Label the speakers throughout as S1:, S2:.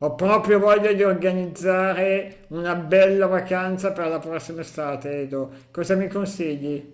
S1: Ho proprio voglia di organizzare una bella vacanza per la prossima estate, Edo. Cosa mi consigli?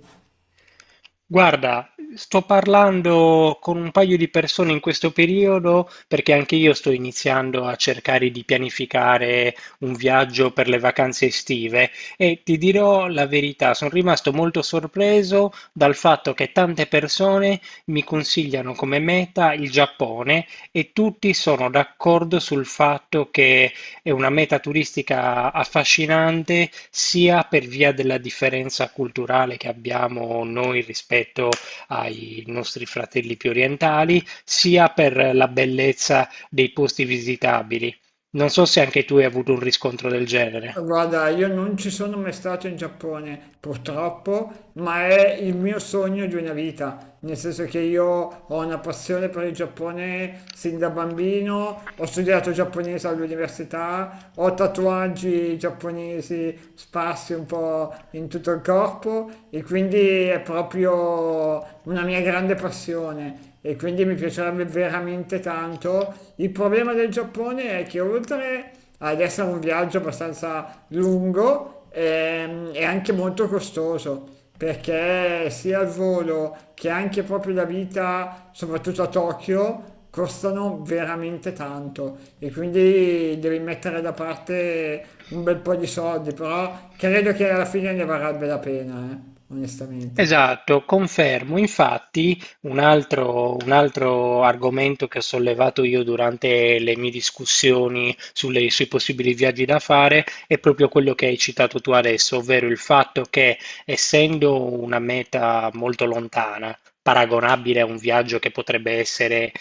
S2: Guarda, sto parlando con un paio di persone in questo periodo perché anche io sto iniziando a cercare di pianificare un viaggio per le vacanze estive e ti dirò la verità, sono rimasto molto sorpreso dal fatto che tante persone mi consigliano come meta il Giappone e tutti sono d'accordo sul fatto che è una meta turistica affascinante sia per via della differenza culturale che abbiamo noi rispetto ai nostri fratelli più orientali, sia per la bellezza dei posti visitabili. Non so se anche tu hai avuto un riscontro del genere.
S1: Guarda, io non ci sono mai stato in Giappone, purtroppo, ma è il mio sogno di una vita, nel senso che io ho una passione per il Giappone sin da bambino, ho studiato giapponese all'università, ho tatuaggi giapponesi sparsi un po' in tutto il corpo e quindi è proprio una mia grande passione e quindi mi piacerebbe veramente tanto. Il problema del Giappone è che oltre ad essere un viaggio abbastanza lungo, è anche molto costoso. Perché sia il volo che anche proprio la vita, soprattutto a Tokyo, costano veramente tanto e quindi devi mettere da parte un bel po' di soldi, però credo che alla fine ne varrebbe la pena, onestamente.
S2: Esatto, confermo. Infatti, un altro argomento che ho sollevato io durante le mie discussioni sui possibili viaggi da fare è proprio quello che hai citato tu adesso, ovvero il fatto che, essendo una meta molto lontana, paragonabile a un viaggio che potrebbe essere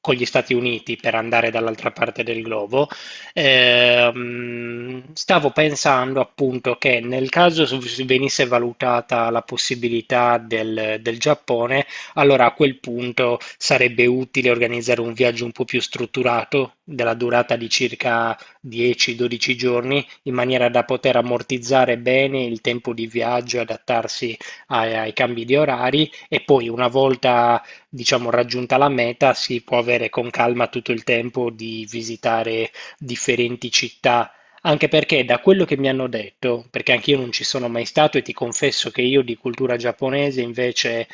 S2: con gli Stati Uniti per andare dall'altra parte del globo, stavo pensando appunto che nel caso venisse valutata la possibilità del Giappone, allora a quel punto sarebbe utile organizzare un viaggio un po' più strutturato, della durata di circa 10-12 giorni, in maniera da poter ammortizzare bene il tempo di viaggio e adattarsi ai cambi di orari e poi una volta, diciamo, raggiunta la meta, si può avere con calma tutto il tempo di visitare differenti città, anche perché da quello che mi hanno detto, perché anch'io non ci sono mai stato e ti confesso che io di cultura giapponese invece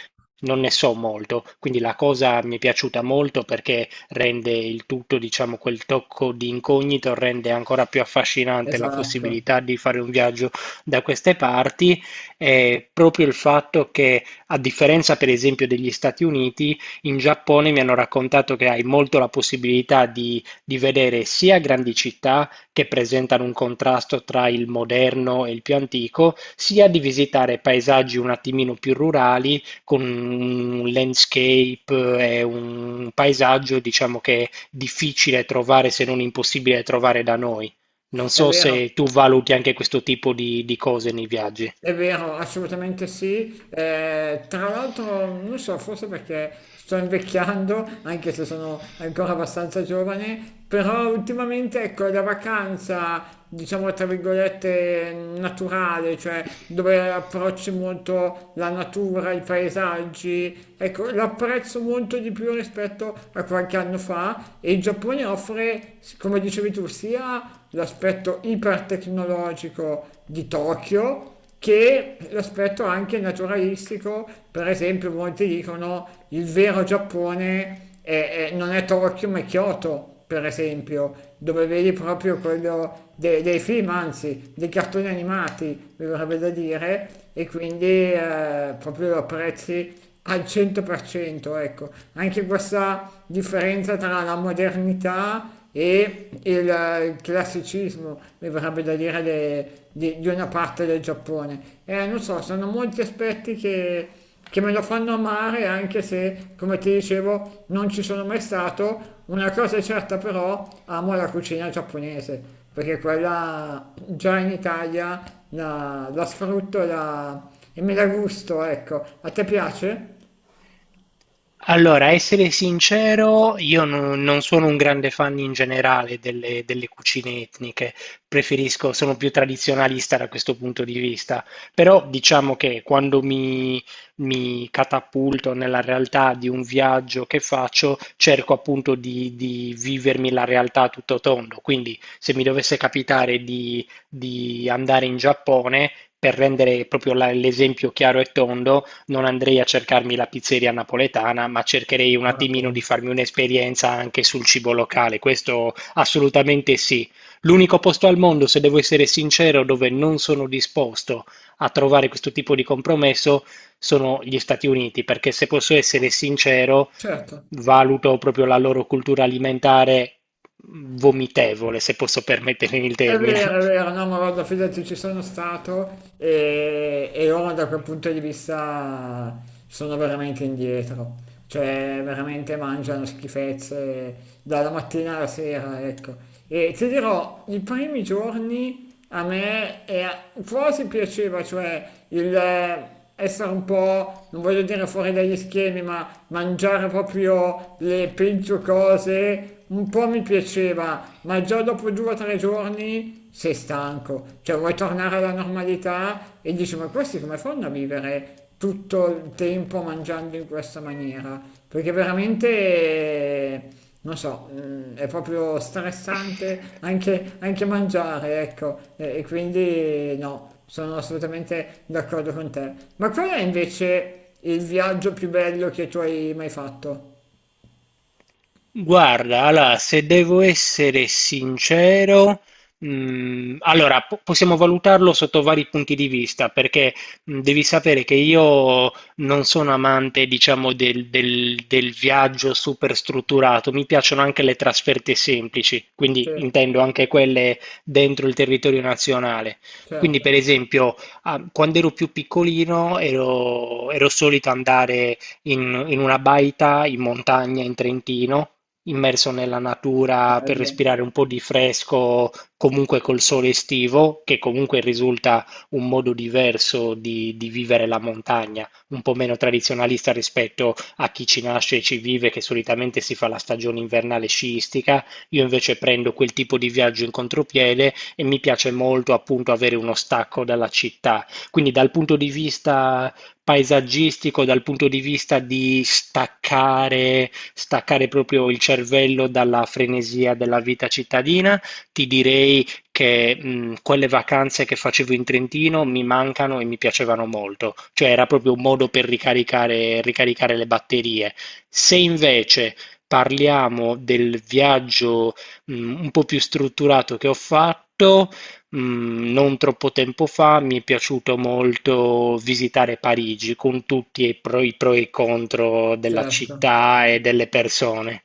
S2: non ne so molto, quindi la cosa mi è piaciuta molto perché rende il tutto, diciamo, quel tocco di incognito, rende ancora più affascinante la
S1: Esatto,
S2: possibilità di fare un viaggio da queste parti e proprio il fatto che, a differenza per esempio degli Stati Uniti, in Giappone mi hanno raccontato che hai molto la possibilità di vedere sia grandi città che presentano un contrasto tra il moderno e il più antico, sia di visitare paesaggi un attimino più rurali con un landscape e un paesaggio, diciamo che è difficile trovare, se non impossibile trovare da noi. Non
S1: è
S2: so
S1: vero.
S2: se tu valuti anche questo tipo di cose nei viaggi.
S1: È vero, assolutamente sì. Tra l'altro, non so, forse perché sto invecchiando, anche se sono ancora abbastanza giovane, però ultimamente, ecco, la vacanza, diciamo, tra virgolette, naturale, cioè dove approcci molto la natura, i paesaggi, ecco, l'apprezzo molto di più rispetto a qualche anno fa e il Giappone offre, come dicevi tu, sia l'aspetto ipertecnologico di Tokyo, che l'aspetto anche naturalistico, per esempio molti dicono il vero Giappone non è Tokyo ma è Kyoto, per esempio, dove vedi proprio quello dei film, anzi dei cartoni animati, mi verrebbe da dire, e quindi proprio lo apprezzi al 100%, ecco, anche questa differenza tra la modernità e il classicismo, mi verrebbe da dire, di una parte del Giappone. Non so, sono molti aspetti che me lo fanno amare, anche se, come ti dicevo, non ci sono mai stato. Una cosa è certa però, amo la cucina giapponese, perché quella già in Italia la sfrutto e me la gusto, ecco. A te piace?
S2: Allora, a essere sincero, io non sono un grande fan in generale delle cucine etniche, preferisco, sono più tradizionalista da questo punto di vista, però diciamo che quando mi catapulto nella realtà di un viaggio che faccio, cerco appunto di vivermi la realtà a tutto tondo, quindi se mi dovesse capitare di andare in Giappone, per rendere proprio l'esempio chiaro e tondo, non andrei a cercarmi la pizzeria napoletana, ma cercherei un attimino di
S1: Bravo.
S2: farmi un'esperienza anche sul cibo locale. Questo assolutamente sì. L'unico posto al mondo, se devo essere sincero, dove non sono disposto a trovare questo tipo di compromesso sono gli Stati Uniti, perché se posso essere sincero,
S1: Certo.
S2: valuto proprio la loro cultura alimentare vomitevole, se posso permettermi il termine.
S1: È vero, no, ma guarda, fidati, ci sono stato e ora da quel punto di vista sono veramente indietro, cioè veramente mangiano schifezze dalla mattina alla sera, ecco. E ti dirò, i primi giorni a me quasi piaceva, cioè il essere un po', non voglio dire fuori dagli schemi, ma mangiare proprio le peggio cose, un po' mi piaceva, ma già dopo 2 o 3 giorni sei stanco, cioè vuoi tornare alla normalità e dici ma questi come fanno a vivere tutto il tempo mangiando in questa maniera? Perché veramente, non so, è proprio stressante anche mangiare, ecco, e quindi no, sono assolutamente d'accordo con te. Ma qual è invece il viaggio più bello che tu hai mai fatto?
S2: Guarda, allora, se devo essere sincero, allora possiamo valutarlo sotto vari punti di vista, perché devi sapere che io non sono amante, diciamo, del, del viaggio super strutturato, mi piacciono anche le trasferte semplici,
S1: Sì,
S2: quindi intendo anche quelle dentro il territorio nazionale. Quindi,
S1: certo,
S2: per esempio, ah, quando ero più piccolino ero solito andare in una baita in montagna in Trentino immerso nella natura per
S1: bello,
S2: respirare un po' di fresco, comunque col sole estivo, che comunque risulta un modo diverso di vivere la montagna, un po' meno tradizionalista rispetto a chi ci nasce e ci vive, che solitamente si fa la stagione invernale sciistica. Io invece prendo quel tipo di viaggio in contropiede e mi piace molto appunto avere uno stacco dalla città. Quindi dal punto di vista paesaggistico dal punto di vista di staccare, staccare proprio il cervello dalla frenesia della vita cittadina, ti direi che quelle vacanze che facevo in Trentino mi mancano e mi piacevano molto, cioè era proprio un modo per ricaricare, ricaricare le batterie. Se invece parliamo del viaggio un po' più strutturato che ho fatto, non troppo tempo fa mi è piaciuto molto visitare Parigi con tutti i pro e i contro della
S1: certo.
S2: città e delle persone.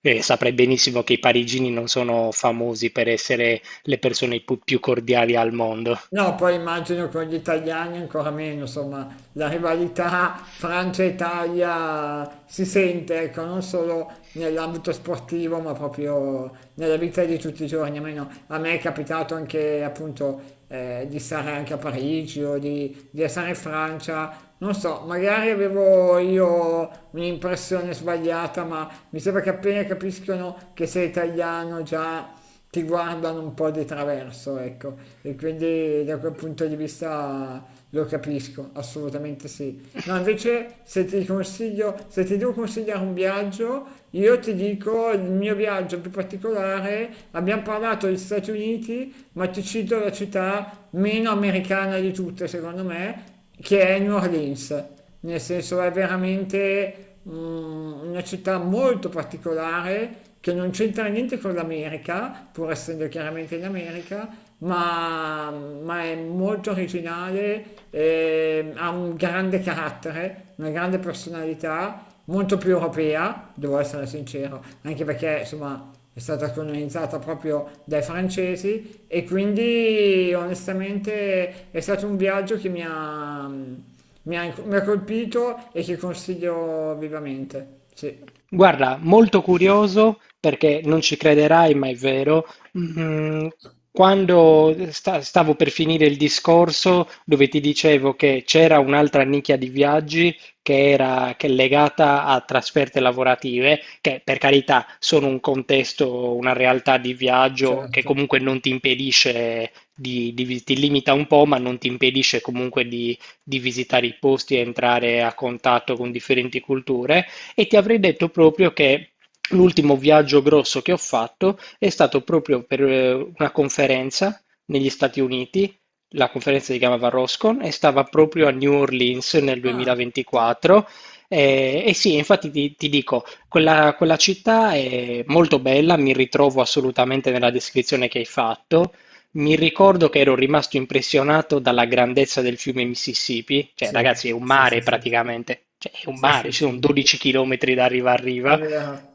S2: E saprai benissimo che i parigini non sono famosi per essere le persone più cordiali al mondo.
S1: No, poi immagino con gli italiani ancora meno, insomma, la rivalità Francia-Italia si sente, ecco, non solo nell'ambito sportivo, ma proprio nella vita di tutti i giorni. Almeno a me è capitato anche, appunto, di stare anche a Parigi o di essere in Francia. Non so, magari avevo io un'impressione sbagliata, ma mi sembra che appena capiscono che sei italiano già ti guardano un po' di traverso, ecco, e quindi da quel punto di vista lo capisco, assolutamente sì. No, invece se ti consiglio, se ti devo consigliare un viaggio, io ti dico il mio viaggio più particolare, abbiamo parlato degli Stati Uniti, ma ti cito la città meno americana di tutte, secondo me, che è New Orleans, nel senso è veramente una città molto particolare che non c'entra niente con l'America, pur essendo chiaramente in America, ma è molto originale, e ha un grande carattere, una grande personalità molto più europea, devo essere sincero, anche perché insomma è stata colonizzata proprio dai francesi e quindi onestamente è stato un viaggio che mi ha colpito e che consiglio vivamente. Sì,
S2: Guarda, molto curioso perché non ci crederai, ma è vero. Mm, Quando stavo per finire il discorso dove ti dicevo che c'era un'altra nicchia di viaggi che era che è legata a trasferte lavorative, che per carità sono un contesto, una realtà di viaggio che
S1: certo.
S2: comunque non ti impedisce di, ti limita un po', ma non ti impedisce comunque di visitare i posti e entrare a contatto con differenti culture. E ti avrei detto proprio che l'ultimo viaggio grosso che ho fatto è stato proprio per una conferenza negli Stati Uniti. La conferenza si chiamava Roscon e stava proprio a New Orleans nel
S1: Ah,
S2: 2024. E, sì, infatti ti dico, quella città è molto bella, mi ritrovo assolutamente nella descrizione che hai fatto. Mi ricordo che ero rimasto impressionato dalla grandezza del fiume Mississippi, cioè
S1: sì,
S2: ragazzi è un
S1: sì, sì,
S2: mare
S1: sì,
S2: praticamente, cioè è un
S1: sì, sì,
S2: mare, ci sono
S1: sì.
S2: 12 chilometri da riva a
S1: È
S2: riva.
S1: vero,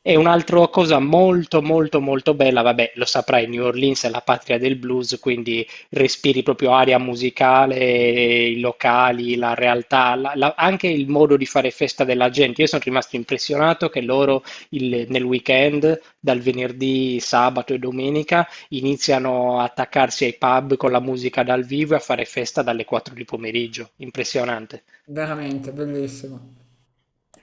S2: E un'altra cosa molto molto molto bella, vabbè, lo saprai, New Orleans è la patria del blues, quindi respiri proprio aria musicale, i locali, la realtà, anche il modo di fare festa della gente. Io sono rimasto impressionato che loro nel weekend, dal venerdì, sabato e domenica, iniziano a attaccarsi ai pub con la musica dal vivo e a fare festa dalle 4 di pomeriggio. Impressionante.
S1: veramente bellissimo.